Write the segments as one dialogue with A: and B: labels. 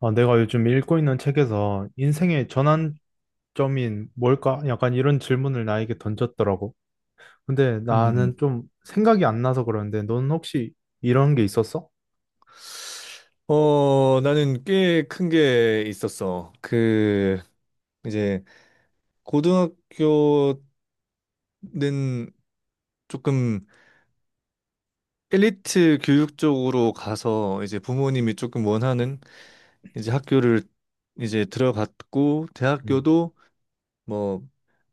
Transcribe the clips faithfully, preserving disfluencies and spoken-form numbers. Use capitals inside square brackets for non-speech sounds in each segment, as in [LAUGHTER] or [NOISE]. A: 아, 내가 요즘 읽고 있는 책에서 인생의 전환점인 뭘까? 약간 이런 질문을 나에게 던졌더라고. 근데 나는
B: 음,
A: 좀 생각이 안 나서 그러는데, 넌 혹시 이런 게 있었어?
B: 어, 나는 꽤 큰 게 있었어. 그, 이제, 고등학교는 조금 엘리트 교육 쪽으로 가서 이제 부모님이 조금 원하는 이제 학교를 이제 들어갔고,
A: 음.
B: 대학교도 뭐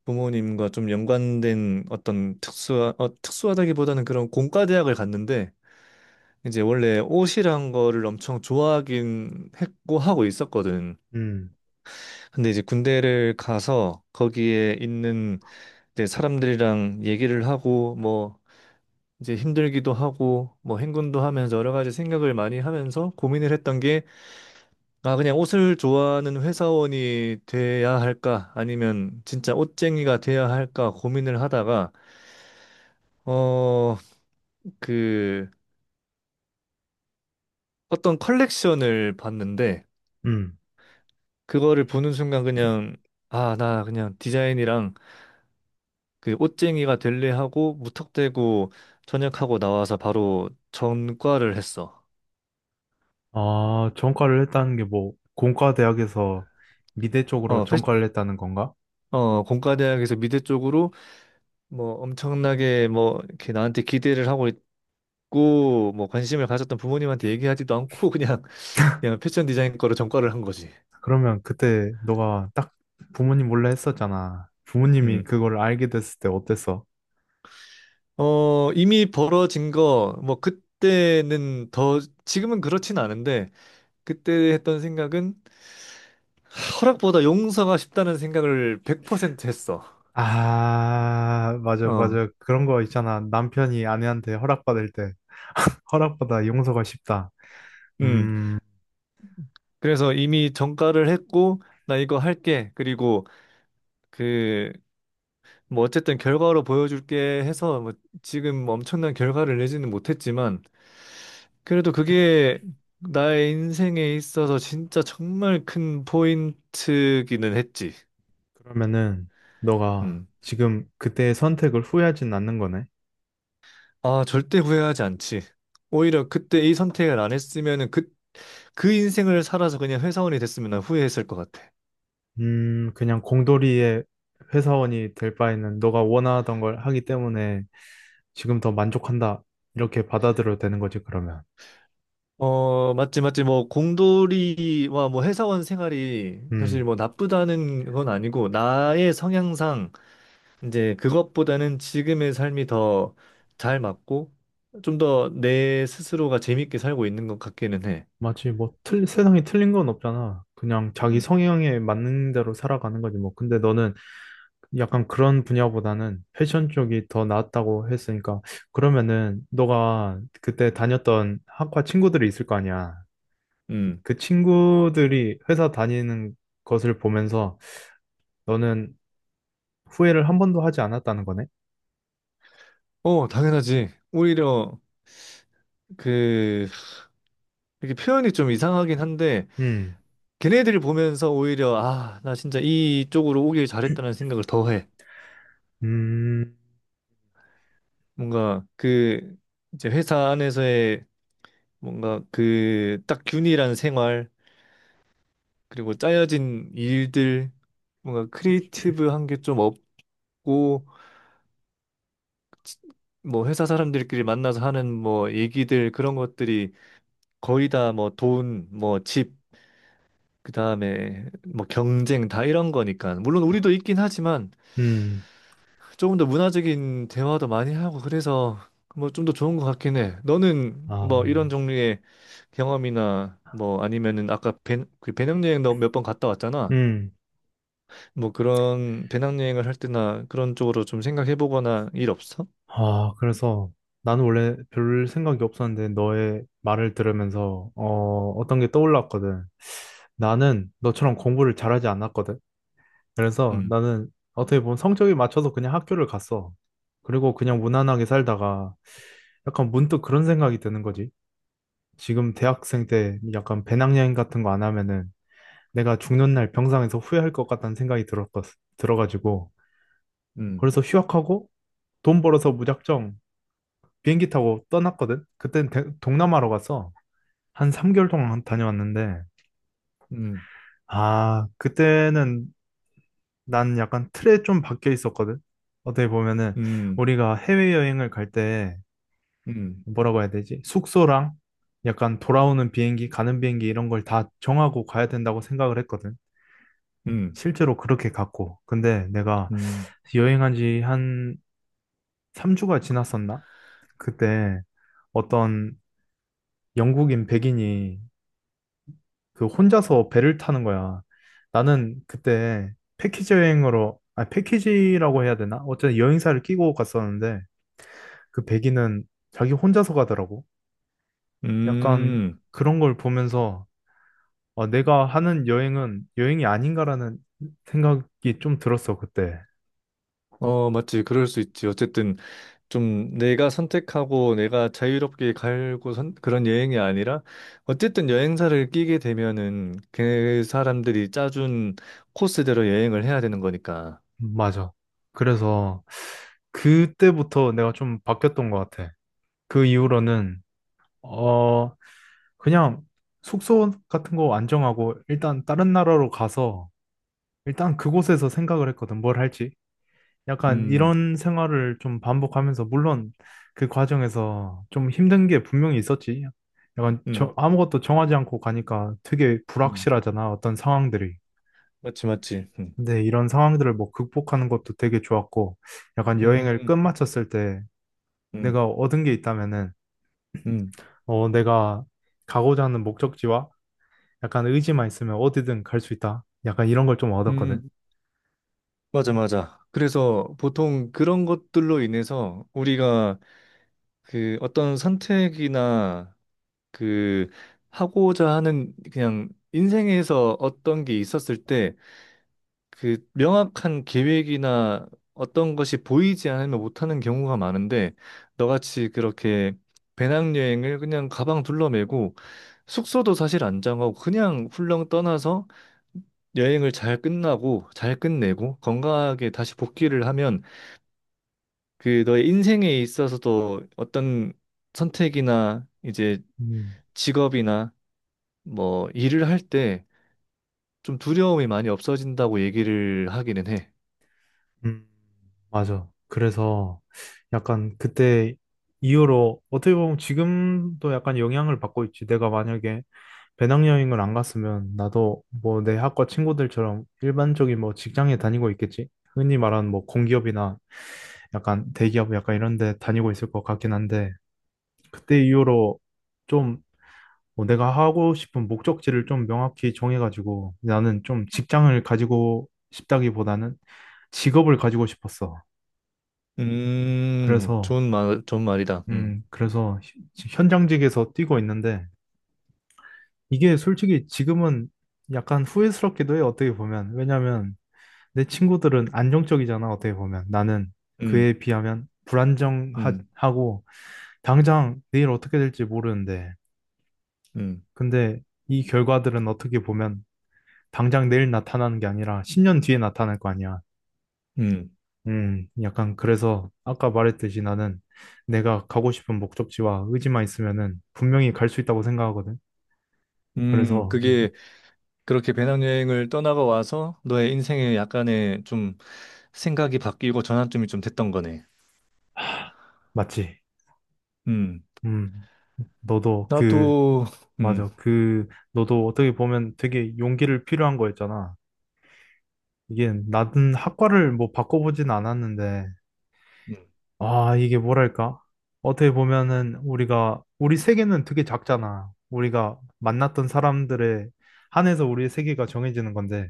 B: 부모님과 좀 연관된 어떤 특수하, 어, 특수하다기보다는 그런 공과대학을 갔는데, 이제 원래 옷이란 거를 엄청 좋아하긴 했고 하고 있었거든.
A: 음,
B: 근데 이제 군대를 가서 거기에 있는 이제 사람들이랑 얘기를 하고 뭐 이제 힘들기도 하고 뭐 행군도 하면서 여러 가지 생각을 많이 하면서 고민을 했던 게, 아, 그냥 옷을 좋아하는 회사원이 돼야 할까 아니면 진짜 옷쟁이가 돼야 할까 고민을 하다가, 어 그 어떤 컬렉션을 봤는데,
A: 음.
B: 그거를 보는 순간 그냥, 아, 나 그냥 디자인이랑 그 옷쟁이가 될래 하고 무턱대고 전역하고 나와서 바로 전과를 했어.
A: 아, 전과를 했다는 게 뭐, 공과대학에서 미대 쪽으로
B: 어, 패,
A: 전과를 했다는 건가?
B: 어, 공과대학에서 미대 쪽으로 뭐 엄청나게 뭐 이렇게 나한테 기대를 하고 있고 뭐 관심을 가졌던 부모님한테 얘기하지도 않고 [LAUGHS] 그냥 그냥 패션 디자인 거로 전과를 한 거지.
A: 그러면 그때 너가 딱 부모님 몰래 했었잖아. 부모님이
B: 음.
A: 그걸 알게 됐을 때 어땠어?
B: 어, 이미 벌어진 거 뭐 그때는 더, 지금은 그렇진 않은데, 그때 했던 생각은 허락보다 용서가 쉽다는 생각을 백 퍼센트 했어.
A: 아, 맞아,
B: 어.
A: 맞아. 그런 거 있잖아. 남편이 아내한테 허락받을 때. 허락받아 용서가 쉽다.
B: 음.
A: 음,
B: 그래서 이미 정가를 했고 나 이거 할게, 그리고 그 뭐 어쨌든 결과로 보여줄게 해서, 뭐 지금 엄청난 결과를 내지는 못했지만 그래도 그게 나의 인생에 있어서 진짜 정말 큰 포인트기는 했지.
A: 그러면은 너가
B: 음.
A: 지금 그때의 선택을 후회하진 않는 거네.
B: 아, 절대 후회하지 않지. 오히려 그때 이 선택을 안 했으면은 그 그 인생을 살아서 그냥 회사원이 됐으면 난 후회했을 것 같아.
A: 음, 그냥 공돌이의 회사원이 될 바에는 너가 원하던 걸 하기 때문에 지금 더 만족한다. 이렇게 받아들여도 되는 거지, 그러면.
B: 어, 맞지, 맞지. 뭐, 공돌이와 뭐, 회사원 생활이 사실
A: 음,
B: 뭐, 나쁘다는 건 아니고, 나의 성향상, 이제, 그것보다는 지금의 삶이 더 잘 맞고, 좀 더 내 스스로가 재밌게 살고 있는 것 같기는 해.
A: 마치 뭐 틀, 세상에 틀린 건 없잖아. 그냥 자기
B: 음,
A: 성향에 맞는 대로 살아가는 거지, 뭐. 근데 너는 약간 그런 분야보다는 패션 쪽이 더 나았다고 했으니까 그러면은 너가 그때 다녔던 학과 친구들이 있을 거 아니야.
B: 음.
A: 그 친구들이 회사 다니는 것을 보면서 너는 후회를 한 번도 하지 않았다는 거네.
B: 어, 당연하지. 오히려, 그, 이렇게 표현이 좀 이상하긴 한데,
A: 음,
B: 걔네들을 보면서 오히려, 아, 나 진짜 이쪽으로 오길 잘했다는 생각을 더 해.
A: 음,
B: 뭔가, 그, 이제 회사 안에서의 뭔가 그 딱 균일한 생활, 그리고 짜여진 일들, 뭔가 크리에이티브한 게 좀 없고, 뭐 회사 사람들끼리 만나서 하는 뭐 얘기들, 그런 것들이 거의 다 뭐 돈, 뭐 집, 그다음에 뭐 경쟁, 다 이런 거니까. 물론 우리도 있긴 하지만
A: 음,
B: 조금 더 문화적인 대화도 많이 하고, 그래서 뭐 좀 더 좋은 것 같긴 해. 너는
A: 아,
B: 뭐 이런 종류의 경험이나 뭐 아니면은 아까 배, 그 배낭여행 너 몇 번 갔다 왔잖아.
A: 음,
B: 뭐 그런 배낭여행을 할 때나 그런 쪽으로 좀 생각해 보거나 일 없어?
A: 아. 그래서 나는 원래 별 생각이 없었는데 너의 말을 들으면서 어, 어떤 게 떠올랐거든. 나는 너처럼 공부를 잘하지 않았거든. 그래서
B: 음,
A: 나는 어떻게 보면 성적이 맞춰서 그냥 학교를 갔어. 그리고 그냥 무난하게 살다가 약간 문득 그런 생각이 드는 거지. 지금 대학생 때 약간 배낭여행 같은 거 안 하면은 내가 죽는 날 병상에서 후회할 것 같다는 생각이 들었, 들어가지고
B: 음,
A: 그래서 휴학하고 돈 벌어서 무작정 비행기 타고 떠났거든. 그땐 대- 동남아로 갔어. 한 삼 개월 동안 다녀왔는데
B: 음,
A: 아, 그때는 난 약간 틀에 좀 박혀 있었거든. 어떻게 보면은
B: 음,
A: 우리가 해외여행을 갈 때
B: 음,
A: 뭐라고 해야 되지? 숙소랑 약간 돌아오는 비행기, 가는 비행기 이런 걸 다 정하고 가야 된다고 생각을 했거든.
B: 음,
A: 실제로 그렇게 갔고. 근데 내가
B: 음,
A: 여행한 지 한 삼 주가 지났었나? 그때 어떤 영국인 백인이 그 혼자서 배를 타는 거야. 나는 그때 패키지 여행으로, 아, 패키지라고 해야 되나? 어쨌든 여행사를 끼고 갔었는데 그 백인은 자기 혼자서 가더라고. 약간
B: 음.
A: 그런 걸 보면서 아, 내가 하는 여행은 여행이 아닌가라는 생각이 좀 들었어, 그때.
B: 어, 맞지. 그럴 수 있지. 어쨌든 좀 내가 선택하고 내가 자유롭게 갈고 선, 그런 여행이 아니라, 어쨌든 여행사를 끼게 되면은 그 사람들이 짜준 코스대로 여행을 해야 되는 거니까.
A: 음, 맞아. 그래서 그때부터 내가 좀 바뀌었던 것 같아. 그 이후로는 어 그냥 숙소 같은 거 안 정하고 일단 다른 나라로 가서 일단 그곳에서 생각을 했거든. 뭘 할지. 약간
B: 음,
A: 이런 생활을 좀 반복하면서 물론 그 과정에서 좀 힘든 게 분명히 있었지. 약간 저-
B: 음,
A: 아무것도 정하지 않고 가니까 되게
B: 음.
A: 불확실하잖아, 어떤 상황들이.
B: 맞지, 맞지. 음,
A: 근데 이런 상황들을 뭐 극복하는 것도 되게 좋았고, 약간 여행을
B: 음,
A: 끝마쳤을 때
B: 음,
A: 내가 얻은 게 있다면은,
B: 음.
A: 어, 내가 가고자 하는 목적지와 약간 의지만 있으면 어디든 갈 수 있다. 약간 이런 걸 좀 얻었거든.
B: 음. 맞아, 맞아. 그래서 보통 그런 것들로 인해서 우리가 그 어떤 선택이나 그 하고자 하는, 그냥 인생에서 어떤 게 있었을 때 그 명확한 계획이나 어떤 것이 보이지 않으면 못하는 경우가 많은데, 너같이 그렇게 배낭여행을 그냥 가방 둘러매고 숙소도 사실 안 정하고 그냥 훌렁 떠나서 여행을 잘 끝나고 잘 끝내고 건강하게 다시 복귀를 하면 그 너의 인생에 있어서도 어떤 선택이나 이제
A: 음.
B: 직업이나 뭐 일을 할 때 좀 두려움이 많이 없어진다고 얘기를 하기는 해.
A: 음, 맞아. 그래서 약간 그때 이후로 어떻게 보면 지금도 약간 영향을 받고 있지. 내가 만약에 배낭여행을 안 갔으면 나도 뭐 내 학과 친구들처럼 일반적인 뭐 직장에 다니고 있겠지. 흔히 말하는 뭐 공기업이나 약간 대기업 약간 이런 데 다니고 있을 것 같긴 한데 그때 이후로 좀뭐 내가 하고 싶은 목적지를 좀 명확히 정해가지고 나는 좀 직장을 가지고 싶다기보다는 직업을 가지고 싶었어.
B: 음,
A: 그래서,
B: 좋은 말, 좋은 말이다. 음,
A: 음, 그래서 히- 현장직에서 뛰고 있는데, 이게 솔직히 지금은 약간 후회스럽기도 해요, 어떻게 보면. 왜냐면 내 친구들은 안정적이잖아, 어떻게 보면. 나는
B: 음,
A: 그에 비하면
B: 음,
A: 불안정하고, 당장 내일 어떻게 될지 모르는데,
B: 음,
A: 근데 이 결과들은 어떻게 보면 당장 내일 나타나는 게 아니라 십 년 뒤에 나타날 거 아니야.
B: 음,
A: 음, 약간 그래서 아까 말했듯이 나는 내가 가고 싶은 목적지와 의지만 있으면은 분명히 갈 수 있다고 생각하거든.
B: 음,
A: 그래서 음,
B: 그게, 그렇게 배낭여행을 떠나가 와서 너의 인생에 약간의 좀 생각이 바뀌고 전환점이 좀 됐던 거네.
A: 맞지.
B: 음,
A: 음. 너도 그
B: 나도, 음.
A: 맞아. 그 너도 어떻게 보면 되게 용기를 필요한 거였잖아. 이게 나는 학과를 뭐 바꿔보진 않았는데
B: 음.
A: 아, 이게 뭐랄까? 어떻게 보면은 우리가 우리 세계는 되게 작잖아. 우리가 만났던 사람들의 한해서 우리의 세계가 정해지는 건데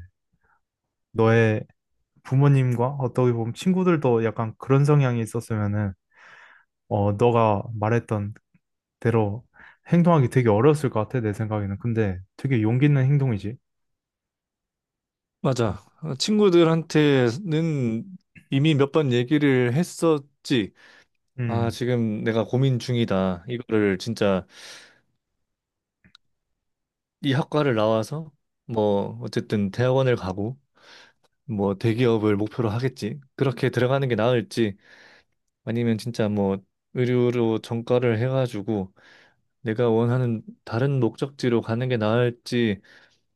A: 너의 부모님과 어떻게 보면 친구들도 약간 그런 성향이 있었으면은 어, 너가 말했던 대로 행동하기 되게 어려웠을 것 같아, 내 생각에는. 근데 되게 용기 있는 행동이지.
B: 맞아. 어, 친구들한테는 이미 몇 번 얘기를 했었지. 아,
A: 음,
B: 지금 내가 고민 중이다. 이거를 진짜 이 학과를 나와서 뭐 어쨌든 대학원을 가고 뭐 대기업을 목표로 하겠지. 그렇게 들어가는 게 나을지 아니면 진짜 뭐 의료로 전과를 해가지고 내가 원하는 다른 목적지로 가는 게 나을지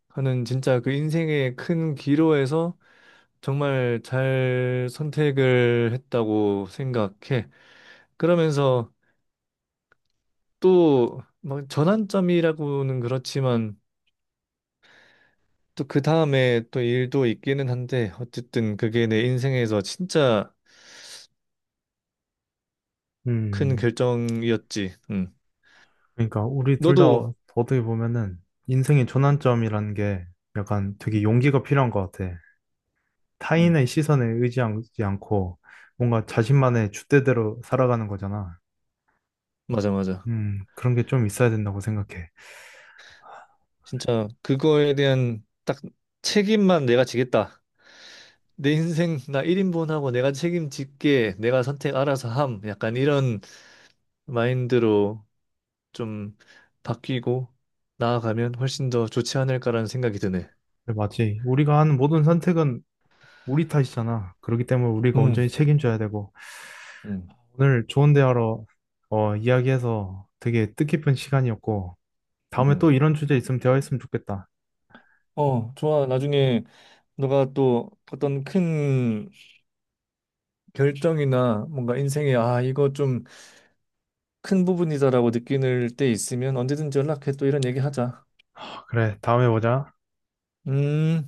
B: 하는, 진짜 그 인생의 큰 기로에서 정말 잘 선택을 했다고 생각해. 그러면서 또 막 전환점이라고는 그렇지만 또 그 다음에 또 일도 있기는 한데, 어쨌든 그게 내 인생에서 진짜 큰
A: 음.
B: 결정이었지. 응.
A: 그러니까 우리 둘 다
B: 너도.
A: 어떻게 보면은 인생의 전환점이라는 게 약간 되게
B: 음,
A: 용기가 필요한 것 같아.
B: 음.
A: 타인의 시선에 의지하지 않고 뭔가 자신만의 줏대대로 살아가는 거잖아.
B: 맞아, 맞아.
A: 음, 그런 게 좀 있어야 된다고 생각해.
B: 진짜 그거에 대한 딱 책임만 내가 지겠다. 내 인생 나 일 인분하고 내가 책임질게. 내가 선택 알아서 함. 약간 이런 마인드로 좀 바뀌고 나아가면 훨씬 더 좋지 않을까라는 생각이 드네.
A: 맞지. 우리가 하는 모든 선택은 우리 탓이잖아. 그렇기 때문에 우리가
B: 음,
A: 온전히 책임져야 되고.
B: 음,
A: 오늘 좋은 대화로 어, 이야기해서 되게 뜻깊은 시간이었고, 다음에
B: 음.
A: 또 이런 주제 있으면 대화했으면 좋겠다.
B: 어, 좋아. 나중에 너가 또 어떤 큰 결정이나 뭔가 인생에, 아, 이거 좀 큰 부분이다라고 느낄 때 있으면 언제든지 연락해. 또 이런 얘기 하자.
A: 그래, 다음에 보자.
B: 음.